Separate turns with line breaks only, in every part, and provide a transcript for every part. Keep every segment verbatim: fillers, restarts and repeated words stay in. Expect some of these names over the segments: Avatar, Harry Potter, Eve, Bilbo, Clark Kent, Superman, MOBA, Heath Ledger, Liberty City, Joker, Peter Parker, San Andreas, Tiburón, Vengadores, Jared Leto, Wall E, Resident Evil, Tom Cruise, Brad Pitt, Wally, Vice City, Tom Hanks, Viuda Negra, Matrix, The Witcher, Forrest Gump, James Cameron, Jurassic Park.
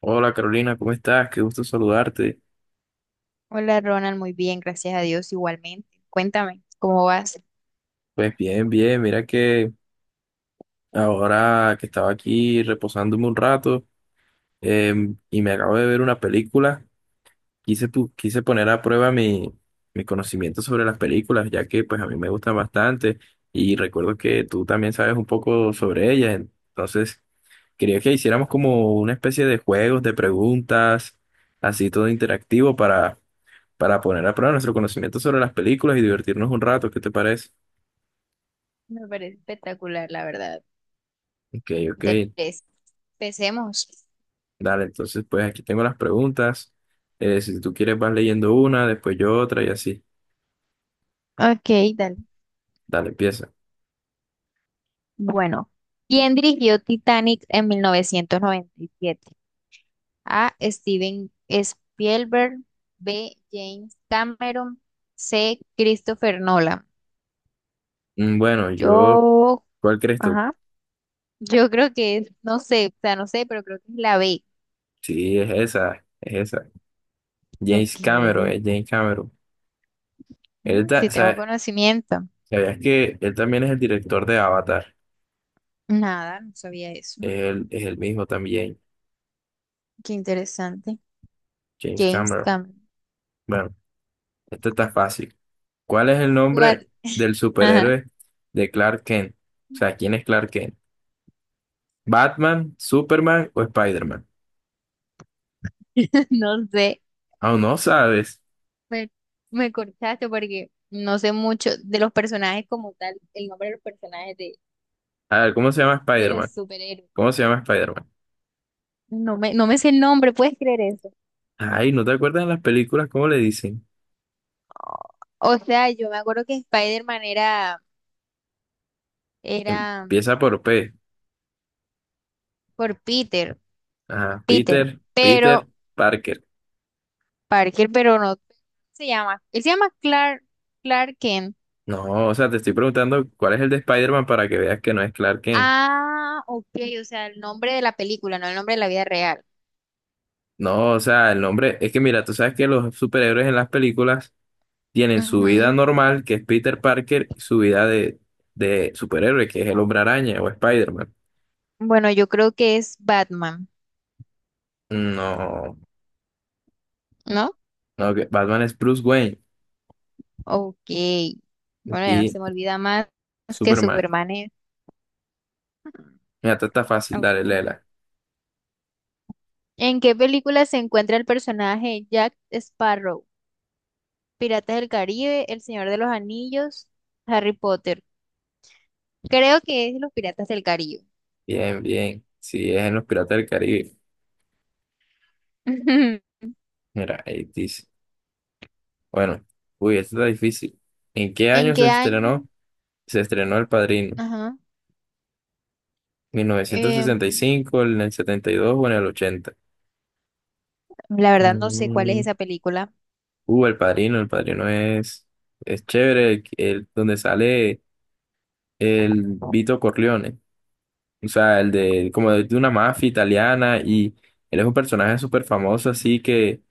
Hola Carolina, ¿cómo estás? Qué gusto saludarte.
Hola Ronald, muy bien, gracias a Dios igualmente. Cuéntame, ¿cómo vas?
Pues bien, bien, mira que ahora que estaba aquí reposándome un rato, em, y me acabo de ver una película. Quise, pu- quise poner a prueba mi, mi conocimiento sobre las películas, ya que pues a mí me gustan bastante y recuerdo que tú también sabes un poco sobre ellas. Entonces quería que hiciéramos como una especie de juegos, de preguntas, así todo interactivo, para, para poner a prueba nuestro conocimiento sobre las películas y divertirnos un rato. ¿Qué te parece?
Me parece espectacular, la verdad.
Ok, ok.
Interés. Empecemos.
Dale, entonces pues aquí tengo las preguntas. Eh, si tú quieres vas leyendo una, después yo otra y así.
Ok, dale.
Dale, empieza.
Bueno, ¿quién dirigió Titanic en mil novecientos noventa y siete? A. Steven Spielberg, B. James Cameron, C. Christopher Nolan.
Mm, Bueno, yo,
Yo,
¿cuál crees tú?
ajá, yo creo que, es- no sé, o sea, no sé, pero creo que es la B.
Sí, es esa, es esa. James
Ok,
Cameron, es James Cameron. Él
mm,
ta-
sí tengo
sa-
conocimiento.
¿Sabías que él también es el director de Avatar?
Nada, no sabía eso.
Él es el mismo también,
Qué interesante.
James Cameron.
Gamescom.
Bueno, esto está fácil. ¿Cuál es el nombre
¿Cuál?
del
Ajá.
superhéroe de Clark Kent? O sea, ¿quién es Clark Kent? ¿Batman, Superman o Spider-Man?
No sé.
Aún no sabes.
Me, me cortaste porque no sé mucho de los personajes como tal, el nombre de los personajes de,
A ver, ¿cómo se llama
de los
Spider-Man?
superhéroes.
¿Cómo se llama Spider-Man?
No me, no me sé el nombre, ¿puedes creer eso?
Ay, ¿no te acuerdas en las películas cómo le dicen?
O sea, yo me acuerdo que Spider-Man era, era mm,
Empieza por P.
por Peter,
Ajá,
Peter,
Peter, Peter,
pero
Parker.
Parker, pero no se llama. Él se llama Clark, Clark Kent.
No, o sea, te estoy preguntando cuál es el de Spider-Man para que veas que no es Clark Kent.
Ah, ok, o sea, el nombre de la película, no el nombre de la vida real.
No, o sea, el nombre, es que mira, tú sabes que los superhéroes en las películas tienen su vida
Ujú.
normal, que es Peter Parker, y su vida de, de superhéroe, que es el Hombre Araña o Spider-Man.
Bueno, yo creo que es Batman,
No,
¿no?
no, que Batman es Bruce Wayne,
Ok. Bueno, ya no
aquí
se me olvida más que
Superman.
Superman es.
Mira, esta está fácil, dale,
Ok.
léela.
¿En qué película se encuentra el personaje Jack Sparrow? ¿Piratas del Caribe, El Señor de los Anillos, Harry Potter? Creo que es Los Piratas del Caribe.
Bien, bien. Si es en los Piratas del Caribe. Mira, ahí dice. Bueno, uy, esta está difícil. ¿En qué
¿En
año se
qué año?
estrenó? Se estrenó El Padrino.
Ajá. Em,
¿mil novecientos sesenta y cinco, en el setenta y dos o en el ochenta?
la verdad no sé cuál es
Mm,
esa película.
Uh, El Padrino, El Padrino es, es chévere. El, el- donde sale el Vito Corleone. O sea, el de, como de, de una mafia italiana, y él es un personaje súper famoso, así que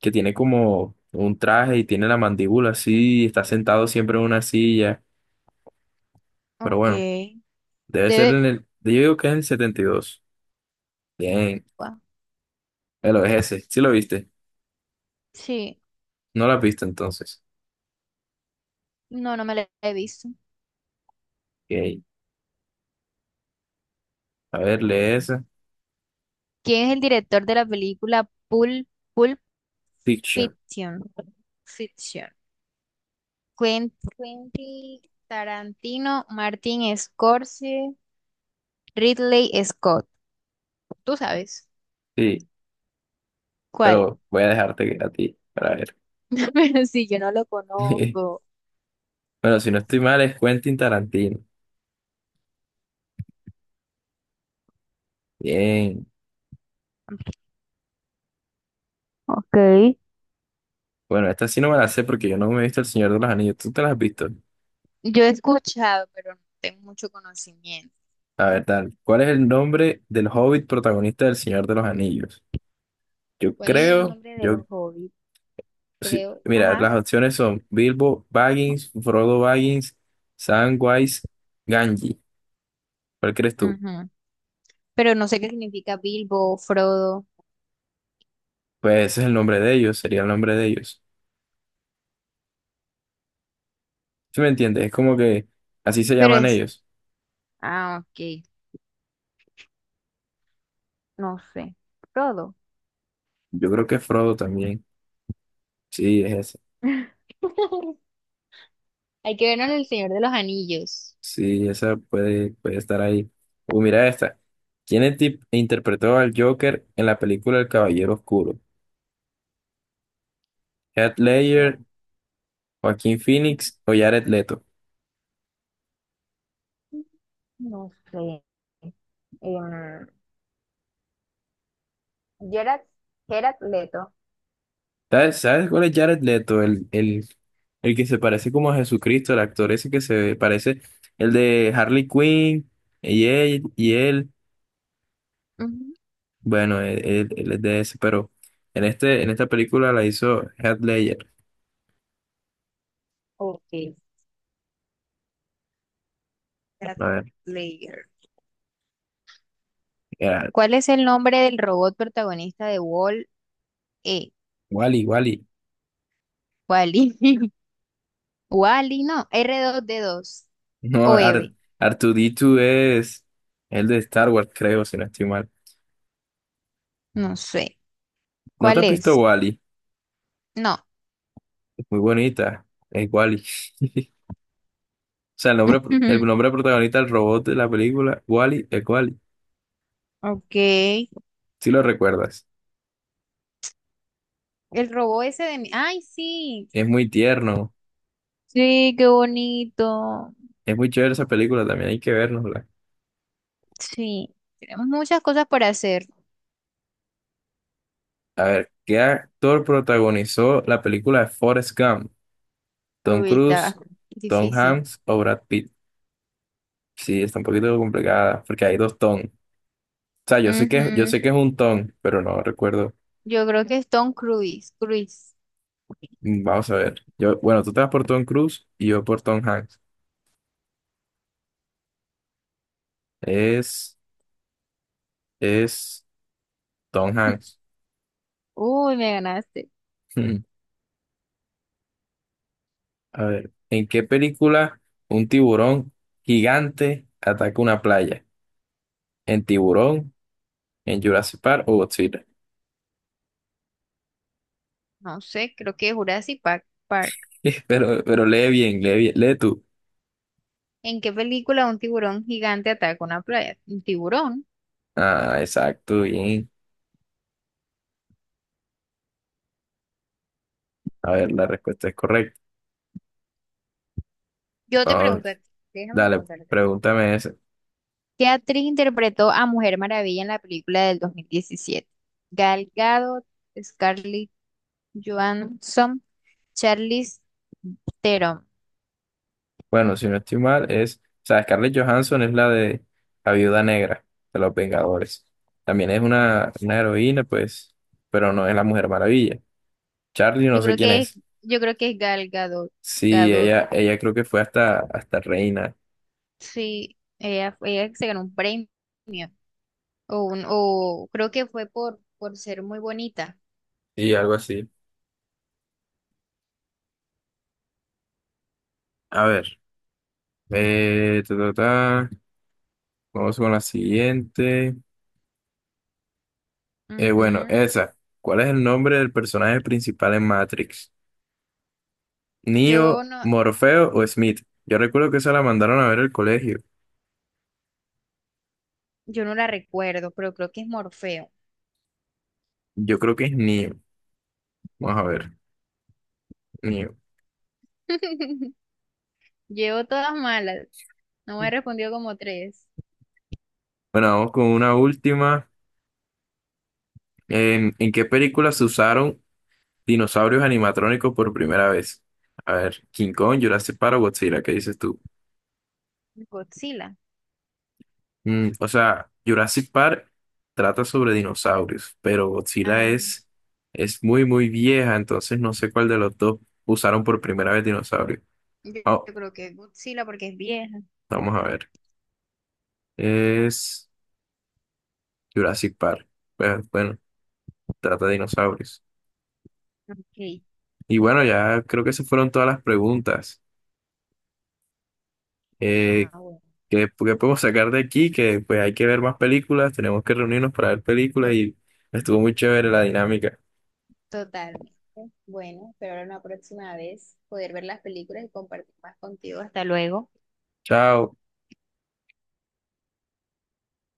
que tiene como un traje y tiene la mandíbula así, y está sentado siempre en una silla. Pero
Ok.
bueno, debe ser
Debe
en el. Yo digo que es el setenta y dos. Bien, el es ese. ¿Sí lo viste?
sí,
No la viste entonces.
no, no me la he visto.
Ok. A ver, lee esa.
¿Quién es el director de la película Pulp, Pulp
Fiction.
Fiction? Fiction. Quent- Quentin Tarantino, Martin Scorsese, Ridley Scott. ¿Tú sabes
Sí,
cuál?
pero voy a dejarte a ti para ver.
Pero sí, yo no lo conozco.
Bueno, si no estoy mal, es Quentin Tarantino. Bien.
Ok.
Bueno, esta sí no me la sé porque yo no me he visto El Señor de los Anillos. ¿Tú te la has visto?
Yo he escuchado, pero no tengo mucho conocimiento.
A ver, tal. ¿Cuál es el nombre del hobbit protagonista del Señor de los Anillos? Yo
¿Cuál es el
creo,
nombre de
yo,
los hobbits?
sí,
Creo.
mira,
Ajá.
las opciones son Bilbo Baggins, Frodo Baggins, Samwise Ganji. ¿Cuál crees tú?
Ujú. Pero no sé qué significa Bilbo, Frodo.
Pues ese es el nombre de ellos, sería el nombre de ellos. ¿Sí me entiendes? Es como que así se
Pero
llaman
es
ellos.
ah, ok. No sé. Frodo.
Yo creo que Frodo también. Sí, es esa.
Hay que vernos en El Señor de los Anillos.
Sí, esa puede, puede estar ahí. Uh, mira esta. ¿Quién enti- interpretó al Joker en la película El Caballero Oscuro? ¿Heath Ledger,
Bueno,
Joaquín
ujú.
Phoenix o Jared Leto?
No sé. Em, Gerard, Gerard Leto.
¿Sabes, sabes cuál es Jared Leto? El, el, el que se parece como a Jesucristo, el actor ese que se parece, el de Harley Quinn y él, y él.
Ujú.
Bueno, él, él- él es de ese, pero en este, en esta película la hizo Heath Ledger.
Ok. Gerard
A ver,
Lager.
era
¿Cuál es el nombre del robot protagonista de Wall E?
Wally, Wally.
Wally. Wally, no. R dos D dos
No,
o
r
Eve.
dos es el de Star Wars, creo, si no estoy mal.
No sé.
¿No te
¿Cuál
has visto
es?
Wally?
No.
Muy bonita, es Wally. O sea, el nombre, el nombre protagonista del robot de la película, Wally, es Wally.
Ok.
Si lo recuerdas.
El robot ese de... mi- Ay, sí.
Es muy tierno.
Sí, qué bonito.
Es muy chévere esa película, también hay que vernosla.
Sí, tenemos muchas cosas para hacer.
A ver, ¿qué actor protagonizó la película de Forrest Gump? ¿Tom
Uy, está
Cruise, Tom
difícil.
Hanks o Brad Pitt? Sí, está un poquito complicada porque hay dos Tom. O sea, yo sé que, yo
Ujú.
sé que es un Tom, pero no recuerdo.
Yo creo que es Tom Cruise. Cruise.
Mm, Vamos a ver. Yo, bueno, tú te vas por Tom Cruise y yo por Tom Hanks. Es, es Tom Hanks.
Uy, me ganaste.
Hmm. A ver, ¿en qué película un tiburón gigante ataca una playa? ¿En Tiburón, en Jurassic Park o Godzilla?
No sé, creo que Jurassic Park. Park.
Pero, pero lee bien, lee bien, lee tú.
¿En qué película un tiburón gigante ataca una playa? ¿Un tiburón?
Ah, exacto, bien. A ver, la respuesta es correcta.
Yo te pregunto, a
Vamos,
ti, déjame
dale,
preguntarte.
pregúntame esa.
¿Qué actriz interpretó a Mujer Maravilla en la película del dos mil diecisiete? Gal Gadot, Scarlett Johansson, Charlize Theron.
Bueno, si no estoy mal, es. O sea, Scarlett Johansson es la de la Viuda Negra de los Vengadores. También es una, una heroína, pues, pero no es la Mujer Maravilla. Charlie,
Yo
no sé
creo
quién
que es,
es.
yo creo que es Gal Gadot.
Sí,
Gadot,
ella, ella creo que fue hasta, hasta reina.
sí, ella, ella se ganó un premio. O, un, o creo que fue por, por ser muy bonita.
Sí, algo así. A ver. Eh, ta, ta, ta. Vamos con la siguiente. Eh, bueno,
Ujú.
esa. ¿Cuál es el nombre del personaje principal en Matrix?
Yo
¿Neo,
no,
Morfeo o Smith? Yo recuerdo que esa la mandaron a ver al colegio.
yo no la recuerdo, pero creo que es Morfeo.
Yo creo que es Neo. Vamos a ver. Neo.
Llevo todas malas. No me respondió como tres.
Bueno, vamos con una última. ¿En, en qué película se usaron dinosaurios animatrónicos por primera vez? A ver, King Kong, Jurassic Park o Godzilla, ¿qué dices tú?
Godzilla.
Mm, o sea, Jurassic Park trata sobre dinosaurios, pero Godzilla
Ah,
es, es muy, muy vieja, entonces no sé cuál de los dos usaron por primera vez dinosaurio.
yo,
Oh,
yo creo que es Godzilla porque es vieja.
vamos a ver. Es Jurassic Park. Pues, bueno, trata de dinosaurios.
Ok.
Y bueno, ya creo que esas fueron todas las preguntas. Eh,
Ah, bueno.
¿qué, qué podemos sacar de aquí? Que pues hay que ver más películas, tenemos que reunirnos para ver películas, y estuvo muy chévere la dinámica.
Totalmente. Bueno, espero la próxima vez poder ver las películas y compartir más contigo. Hasta luego.
Chao.